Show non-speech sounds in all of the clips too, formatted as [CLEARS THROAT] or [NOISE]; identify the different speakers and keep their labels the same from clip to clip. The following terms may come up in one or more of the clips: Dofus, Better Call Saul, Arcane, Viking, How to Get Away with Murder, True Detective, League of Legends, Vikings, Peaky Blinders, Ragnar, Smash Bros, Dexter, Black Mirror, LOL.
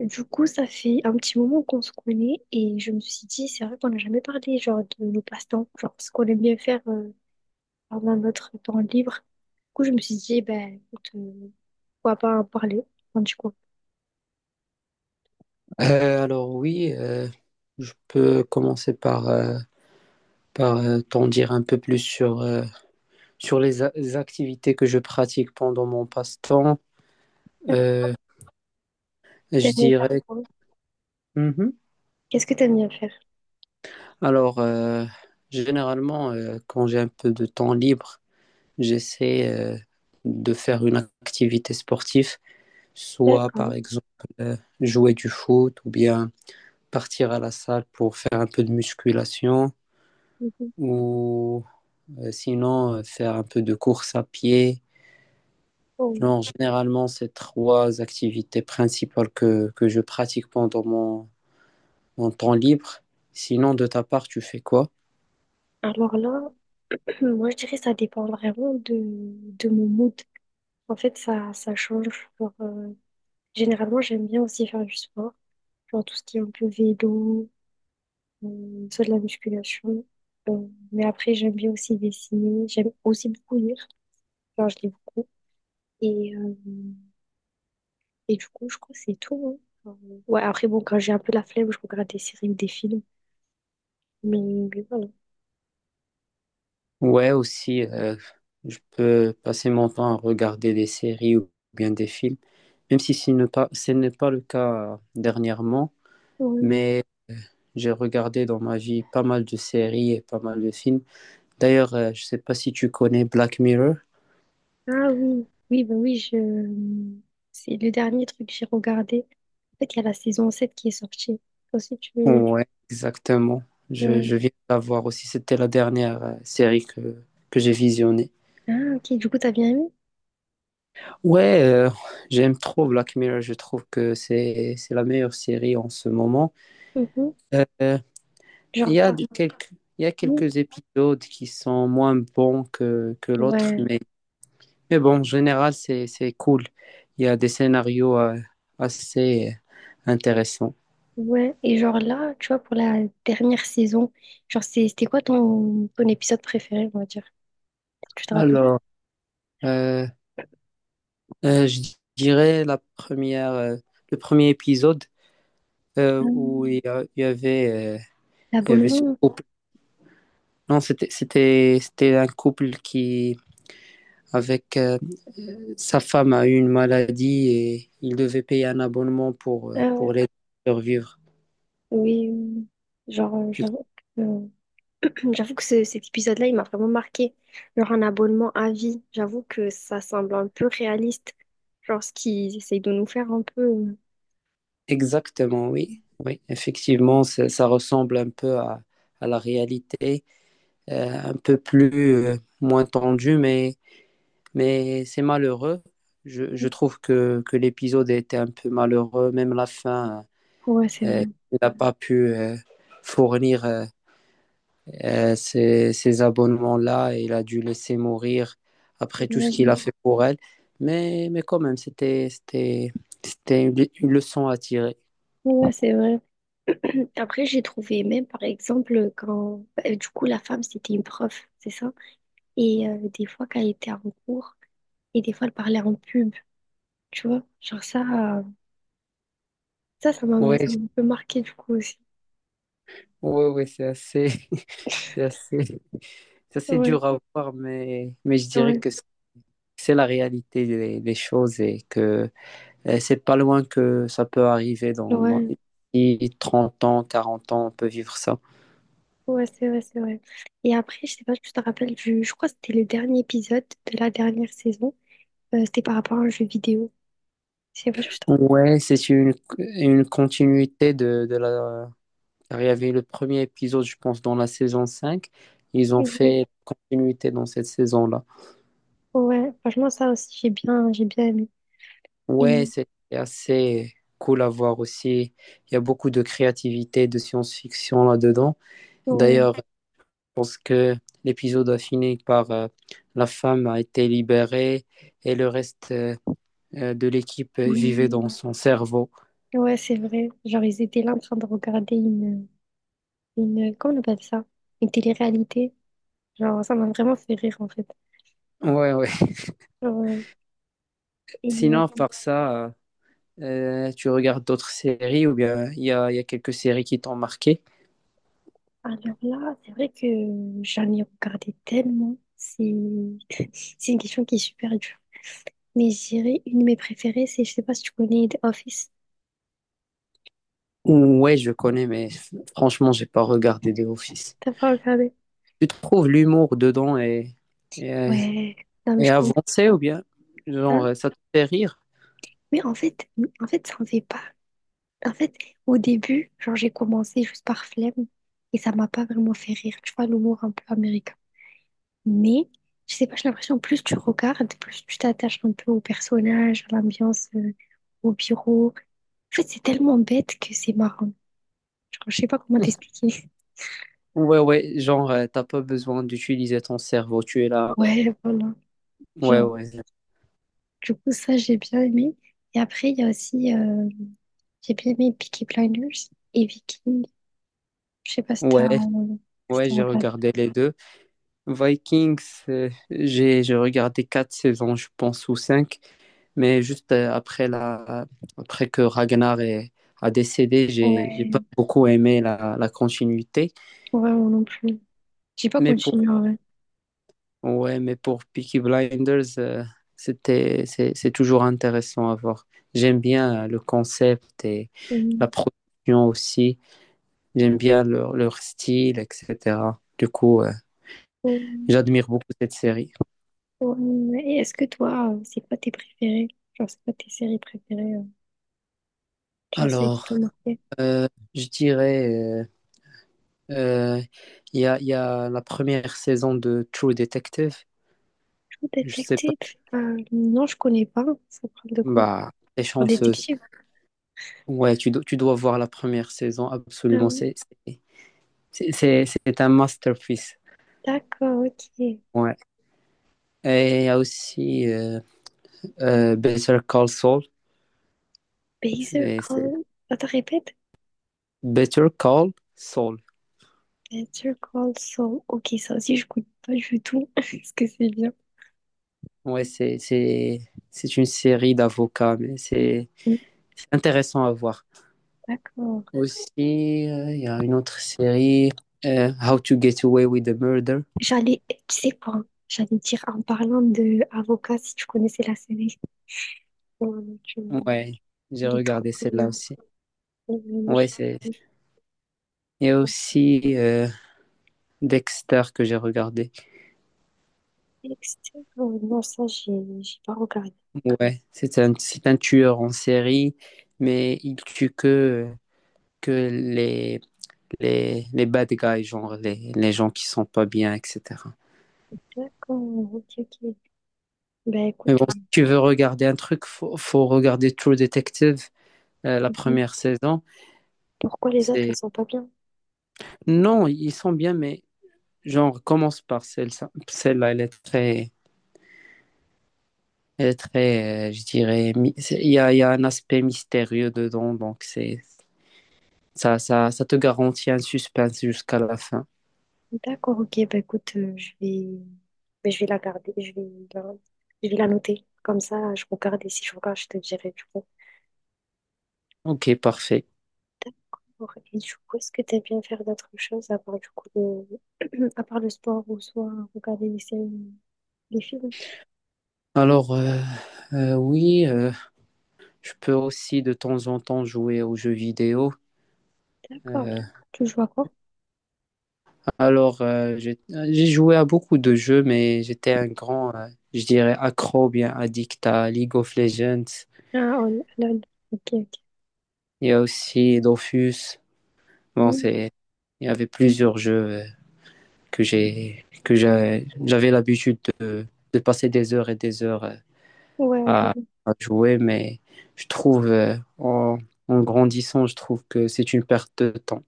Speaker 1: Du coup, ça fait un petit moment qu'on se connaît et je me suis dit, c'est vrai qu'on n'a jamais parlé genre de nos passe-temps, genre ce qu'on aime bien faire pendant notre temps libre. Du coup, je me suis dit, eh ben écoute, pourquoi pas en parler. Enfin, du coup,
Speaker 2: Alors oui, je peux commencer par t'en dire un peu plus sur, sur les activités que je pratique pendant mon passe-temps.
Speaker 1: d'accord.
Speaker 2: Euh,
Speaker 1: T'aimes
Speaker 2: je
Speaker 1: bien faire
Speaker 2: dirais.
Speaker 1: quoi?
Speaker 2: Mhm.
Speaker 1: Qu'est-ce que t'aimes bien faire?
Speaker 2: Alors, généralement, quand j'ai un peu de temps libre, j'essaie de faire une activité sportive, soit par
Speaker 1: D'accord.
Speaker 2: exemple jouer du foot ou bien partir à la salle pour faire un peu de musculation.
Speaker 1: Mhm.
Speaker 2: Sinon, faire un peu de course à pied.
Speaker 1: Bon.
Speaker 2: Non, généralement, c'est trois activités principales que je pratique pendant mon temps libre. Sinon, de ta part, tu fais quoi?
Speaker 1: Alors là, [CLEARS THROAT] moi je dirais que ça dépend vraiment de mon mood. En fait, ça change. Genre, généralement, j'aime bien aussi faire du sport, genre tout ce qui est un peu vélo. Soit de la musculation. Mais après, j'aime bien aussi dessiner. J'aime aussi beaucoup lire. Genre, je lis beaucoup. Et, euh, et du coup, je crois que c'est tout. Hein. Enfin, ouais, après, bon, quand j'ai un peu la flemme, je regarde des séries ou des films. Mais voilà.
Speaker 2: Ouais, aussi, je peux passer mon temps à regarder des séries ou bien des films, même si ce n'est pas le cas dernièrement,
Speaker 1: Ouais.
Speaker 2: mais euh, j'ai regardé dans ma vie pas mal de séries et pas mal de films. D'ailleurs, je ne sais pas si tu connais Black Mirror.
Speaker 1: Ah oui, oui, bah oui, je... c'est le dernier truc que j'ai regardé. En fait, il y a la saison 7 qui est sortie. Ensuite, tu... veux-
Speaker 2: Ouais, exactement. Je
Speaker 1: non.
Speaker 2: viens de la voir aussi. C'était la dernière série que j'ai visionnée.
Speaker 1: Ah, ok, du coup, t'as bien aimé?
Speaker 2: Ouais, j'aime trop Black Mirror. Je trouve que c'est la meilleure série en ce moment.
Speaker 1: Mhm.
Speaker 2: Euh, il
Speaker 1: Genre,
Speaker 2: y a
Speaker 1: t'as...
Speaker 2: de- quelques, il y a
Speaker 1: oui.
Speaker 2: quelques épisodes qui sont moins bons que l'autre,
Speaker 1: Ouais.
Speaker 2: mais bon, en général, c'est cool. Il y a des scénarios assez intéressants.
Speaker 1: Ouais, et genre là, tu vois, pour la dernière saison, genre c'est- c'était quoi ton, ton épisode préféré, on va dire? Si tu te rappelles?
Speaker 2: Alors, euh, je dirais le premier épisode. Où
Speaker 1: Euh,
Speaker 2: il y, a- il y avait ce
Speaker 1: L'abonnement?
Speaker 2: couple. Non, c'était un couple qui, avec sa femme, a eu une maladie et il devait payer un abonnement pour,
Speaker 1: Ah
Speaker 2: euh, pour
Speaker 1: ouais,
Speaker 2: l'aider à survivre.
Speaker 1: oui, oui. Genre,
Speaker 2: Tu-
Speaker 1: j'avoue que, [CLEARS THROAT] j'avoue que ce- cet épisode-là, il m'a vraiment marqué. Genre un abonnement à vie, j'avoue que ça semble un peu réaliste. Genre ce qu'ils essayent de nous faire un peu.
Speaker 2: Exactement, oui. Oui, effectivement, ça ressemble un peu à la réalité, un peu moins tendue, mais c'est malheureux. Je trouve que l'épisode était un peu malheureux, même la fin.
Speaker 1: Ouais, c'est
Speaker 2: Euh,
Speaker 1: vrai.
Speaker 2: il n'a pas pu fournir ces abonnements-là et il a dû laisser mourir après tout ce
Speaker 1: D'ailleurs,
Speaker 2: qu'il a fait pour elle. Mais quand même, c'était une leçon à tirer.
Speaker 1: ouais, c'est vrai. Après, j'ai trouvé même, par exemple, quand bah, du coup la femme, c'était une prof, c'est ça? Et des fois, quand elle était en cours, et des fois, elle parlait en pub, tu vois. Genre ça, euh,
Speaker 2: Oui,
Speaker 1: ça m'a un peu marqué du coup aussi.
Speaker 2: ouais, ouais, c'est assez, [LAUGHS] c'est assez, c'est assez
Speaker 1: Ouais,
Speaker 2: dur à voir, mais je dirais
Speaker 1: ouais,
Speaker 2: que c'est la réalité des choses et que c'est pas loin que ça peut arriver dans
Speaker 1: ouais,
Speaker 2: 30 ans, 40 ans, on peut vivre ça.
Speaker 1: ouais, c'est vrai, c'est vrai. Et après, je sais pas si tu te rappelles du, je crois que c'était le dernier épisode de la dernière saison. C'était par rapport à un jeu vidéo. Je sais pas si tu te
Speaker 2: Ouais, c'est une continuité de la. Car il y avait le premier épisode, je pense, dans la saison 5. Ils ont
Speaker 1: rappelles. Mhm.
Speaker 2: fait continuité dans cette saison-là.
Speaker 1: Ouais, franchement, ça aussi, j'ai bien aimé. Et
Speaker 2: Ouais, c'est assez cool à voir aussi. Il y a beaucoup de créativité, de science-fiction là-dedans.
Speaker 1: ouais,
Speaker 2: D'ailleurs, je pense que l'épisode a fini par la femme a été libérée et le reste de l'équipe vivait dans
Speaker 1: oui,
Speaker 2: son cerveau.
Speaker 1: ouais, c'est vrai. Genre, ils étaient là en train de regarder une, comment on appelle ça? Une télé-réalité. Genre, ça m'a vraiment fait rire en fait.
Speaker 2: Ouais, ouais.
Speaker 1: Genre,
Speaker 2: [LAUGHS]
Speaker 1: et
Speaker 2: Sinon, tu regardes d'autres séries ou bien il y a quelques séries qui t'ont marqué?
Speaker 1: alors là, c'est vrai que j'en ai regardé tellement. C'est [LAUGHS] c'est une question qui est super dure. Mais je dirais, une de mes préférées, c'est, je sais pas si tu connais The Office.
Speaker 2: Ouais, je connais, mais franchement, j'ai pas regardé de Office.
Speaker 1: T'as pas regardé?
Speaker 2: Tu trouves l'humour dedans et,
Speaker 1: Ouais, non mais
Speaker 2: et
Speaker 1: je comprends.
Speaker 2: avancé ou bien genre ça te fait rire?
Speaker 1: Mais en fait, ça en fait pas. En fait, au début, genre j'ai commencé juste par flemme et ça m'a pas vraiment fait rire. Tu vois, l'humour un peu américain. Mais je sais pas, j'ai l'impression plus tu regardes, plus tu t'attaches un peu au personnage, à l'ambiance, au bureau. En fait, c'est tellement bête que c'est marrant. Genre, je sais pas comment t'expliquer.
Speaker 2: Ouais, ouais, genre t'as pas besoin d'utiliser ton cerveau, tu es là.
Speaker 1: Ouais, [LAUGHS] voilà.
Speaker 2: Ouais,
Speaker 1: Genre,
Speaker 2: ouais.
Speaker 1: du coup, ça, j'ai bien aimé. Et après, il y a aussi, j'ai bien aimé Peaky Blinders et Viking. Je sais pas si t'as
Speaker 2: Ouais,
Speaker 1: si
Speaker 2: ouais,
Speaker 1: t'as
Speaker 2: j'ai
Speaker 1: regardé.
Speaker 2: regardé les deux. Vikings, j'ai regardé quatre saisons, je pense, ou cinq. Mais juste après, après que Ragnar a décédé, j'ai pas
Speaker 1: Ouais,
Speaker 2: beaucoup aimé la continuité.
Speaker 1: ouais, moi non plus. J'ai pas
Speaker 2: Mais pour,
Speaker 1: continué en vrai.
Speaker 2: ouais, mais pour Peaky Blinders, c'est toujours intéressant à voir. J'aime bien le concept et la production aussi. J'aime bien leur style, etc. Du coup,
Speaker 1: Mm.
Speaker 2: j'admire beaucoup cette série.
Speaker 1: Ouais, et est-ce que toi, c'est quoi tes préférés? Genre, c'est quoi tes séries préférées? Genre, celles qui t'ont
Speaker 2: Alors,
Speaker 1: marqué?
Speaker 2: euh, je dirais, euh, il y a la première saison de True Detective.
Speaker 1: True
Speaker 2: Je sais pas.
Speaker 1: Detective? Non, je connais pas. Ça parle de quoi?
Speaker 2: Bah, t'es
Speaker 1: Genre,
Speaker 2: chanceuse.
Speaker 1: détective?
Speaker 2: Ouais, tu dois voir la première saison,
Speaker 1: Ah
Speaker 2: absolument.
Speaker 1: oui,
Speaker 2: C'est- c'est- c'est un masterpiece.
Speaker 1: d'accord, ok.
Speaker 2: Ouais. Et il y a aussi Better Call Saul.
Speaker 1: Baser
Speaker 2: C'est c'est-
Speaker 1: Call... Attends, répète.
Speaker 2: Better Call Saul.
Speaker 1: Baser Call Saul. Ok, ça aussi, je connais pas du tout. [LAUGHS] Est-ce que c'est bien?
Speaker 2: Ouais, c'est une série d'avocats, mais c'est
Speaker 1: Oui,
Speaker 2: c'est intéressant à voir.
Speaker 1: d'accord.
Speaker 2: Aussi, il y a une autre série, How to Get Away with the Murder.
Speaker 1: J'allais... Tu sais quoi? J'allais dire en parlant de Avocat, si tu connaissais la série. Ouais, tu-
Speaker 2: Ouais, j'ai
Speaker 1: il est trop,
Speaker 2: regardé
Speaker 1: trop bien.
Speaker 2: celle-là aussi.
Speaker 1: Oh, mon
Speaker 2: Ouais, c'est.
Speaker 1: Dieu.
Speaker 2: Il y a aussi Dexter que j'ai regardé.
Speaker 1: Dexter, non, ça, j'ai pas regardé.
Speaker 2: Ouais, c'est un tueur en série, mais il tue que les bad guys, genre les gens qui sont pas bien, etc.
Speaker 1: D'accord, ok, ok. Bah
Speaker 2: Mais
Speaker 1: écoute,
Speaker 2: bon, si tu veux regarder un truc, faut regarder True Detective, la
Speaker 1: mhm.
Speaker 2: première saison.
Speaker 1: Pourquoi les autres, elles
Speaker 2: C'est...
Speaker 1: sont pas bien?
Speaker 2: Non, ils sont bien, mais genre, commence par celle-là, elle est très, je dirais, il y a un aspect mystérieux dedans, Ça te garantit un suspense jusqu'à la fin.
Speaker 1: D'accord, ok, bah écoute, bah, je vais la garder, je vais la noter. Comme ça, je regarde et si je regarde, je te dirai du coup.
Speaker 2: Ok, parfait.
Speaker 1: D'accord, et du coup, est-ce que t'aimes bien faire d'autres choses à part du coup le, [CLEARS THROAT] à part le sport ou soit regarder les séries, les films?
Speaker 2: Alors, oui, je peux aussi de temps en temps jouer aux jeux vidéo.
Speaker 1: D'accord.
Speaker 2: Euh,
Speaker 1: Tu joues à quoi?
Speaker 2: alors, j'ai joué à beaucoup de jeux, mais j'étais un grand, je dirais, accro, bien addict à League of Legends.
Speaker 1: Ah, oh, LOL, ok, ok.
Speaker 2: Il y a aussi Dofus. Bon,
Speaker 1: Hmm.
Speaker 2: il y avait plusieurs jeux j'avais l'habitude de passer des heures et des heures
Speaker 1: Ouais, je
Speaker 2: à, à jouer, mais je trouve, en grandissant, je trouve que c'est une perte de temps.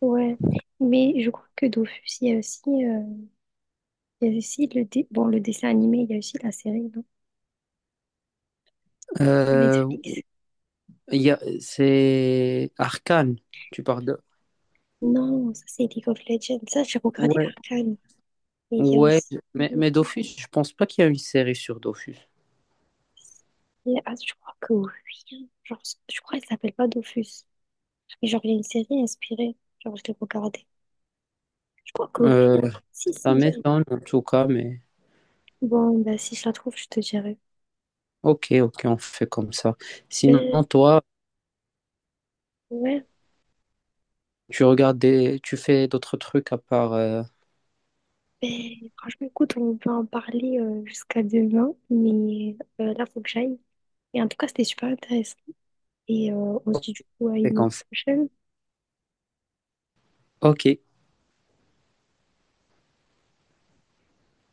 Speaker 1: ouais, mais je crois que Dofus, il y a aussi, il y a aussi le, dé- bon, le dessin animé, il y a aussi la série, non, sur
Speaker 2: Euh,
Speaker 1: Netflix.
Speaker 2: c'est Arcane, tu parles de...
Speaker 1: Non, ça c'est League of Legends. Ça, j'ai regardé
Speaker 2: Ouais.
Speaker 1: Arcane. Et il y a
Speaker 2: Ouais,
Speaker 1: aussi.
Speaker 2: mais Dofus, je pense pas qu'il y a une série sur Dofus.
Speaker 1: Et- ah, je crois que oui. Genre, je crois qu'elle s'appelle pas Dofus. Et genre, il y a une série inspirée. Genre, je l'ai regardée. Je crois que oui. Hein.
Speaker 2: Euh,
Speaker 1: Si,
Speaker 2: Ça
Speaker 1: si. J'ai-
Speaker 2: m'étonne en tout cas, mais
Speaker 1: bon, bah, si je la trouve, je te dirai.
Speaker 2: ok, ok, on fait comme ça. Sinon,
Speaker 1: Ben,
Speaker 2: toi,
Speaker 1: ouais.
Speaker 2: tu regardes des... tu fais d'autres trucs à part...
Speaker 1: Ben, franchement, écoute, on peut en parler jusqu'à demain, mais là, faut que j'aille. Et en tout cas, c'était super intéressant. Et on se dit du coup à
Speaker 2: c'est
Speaker 1: une
Speaker 2: comme ça.
Speaker 1: prochaine.
Speaker 2: Ok.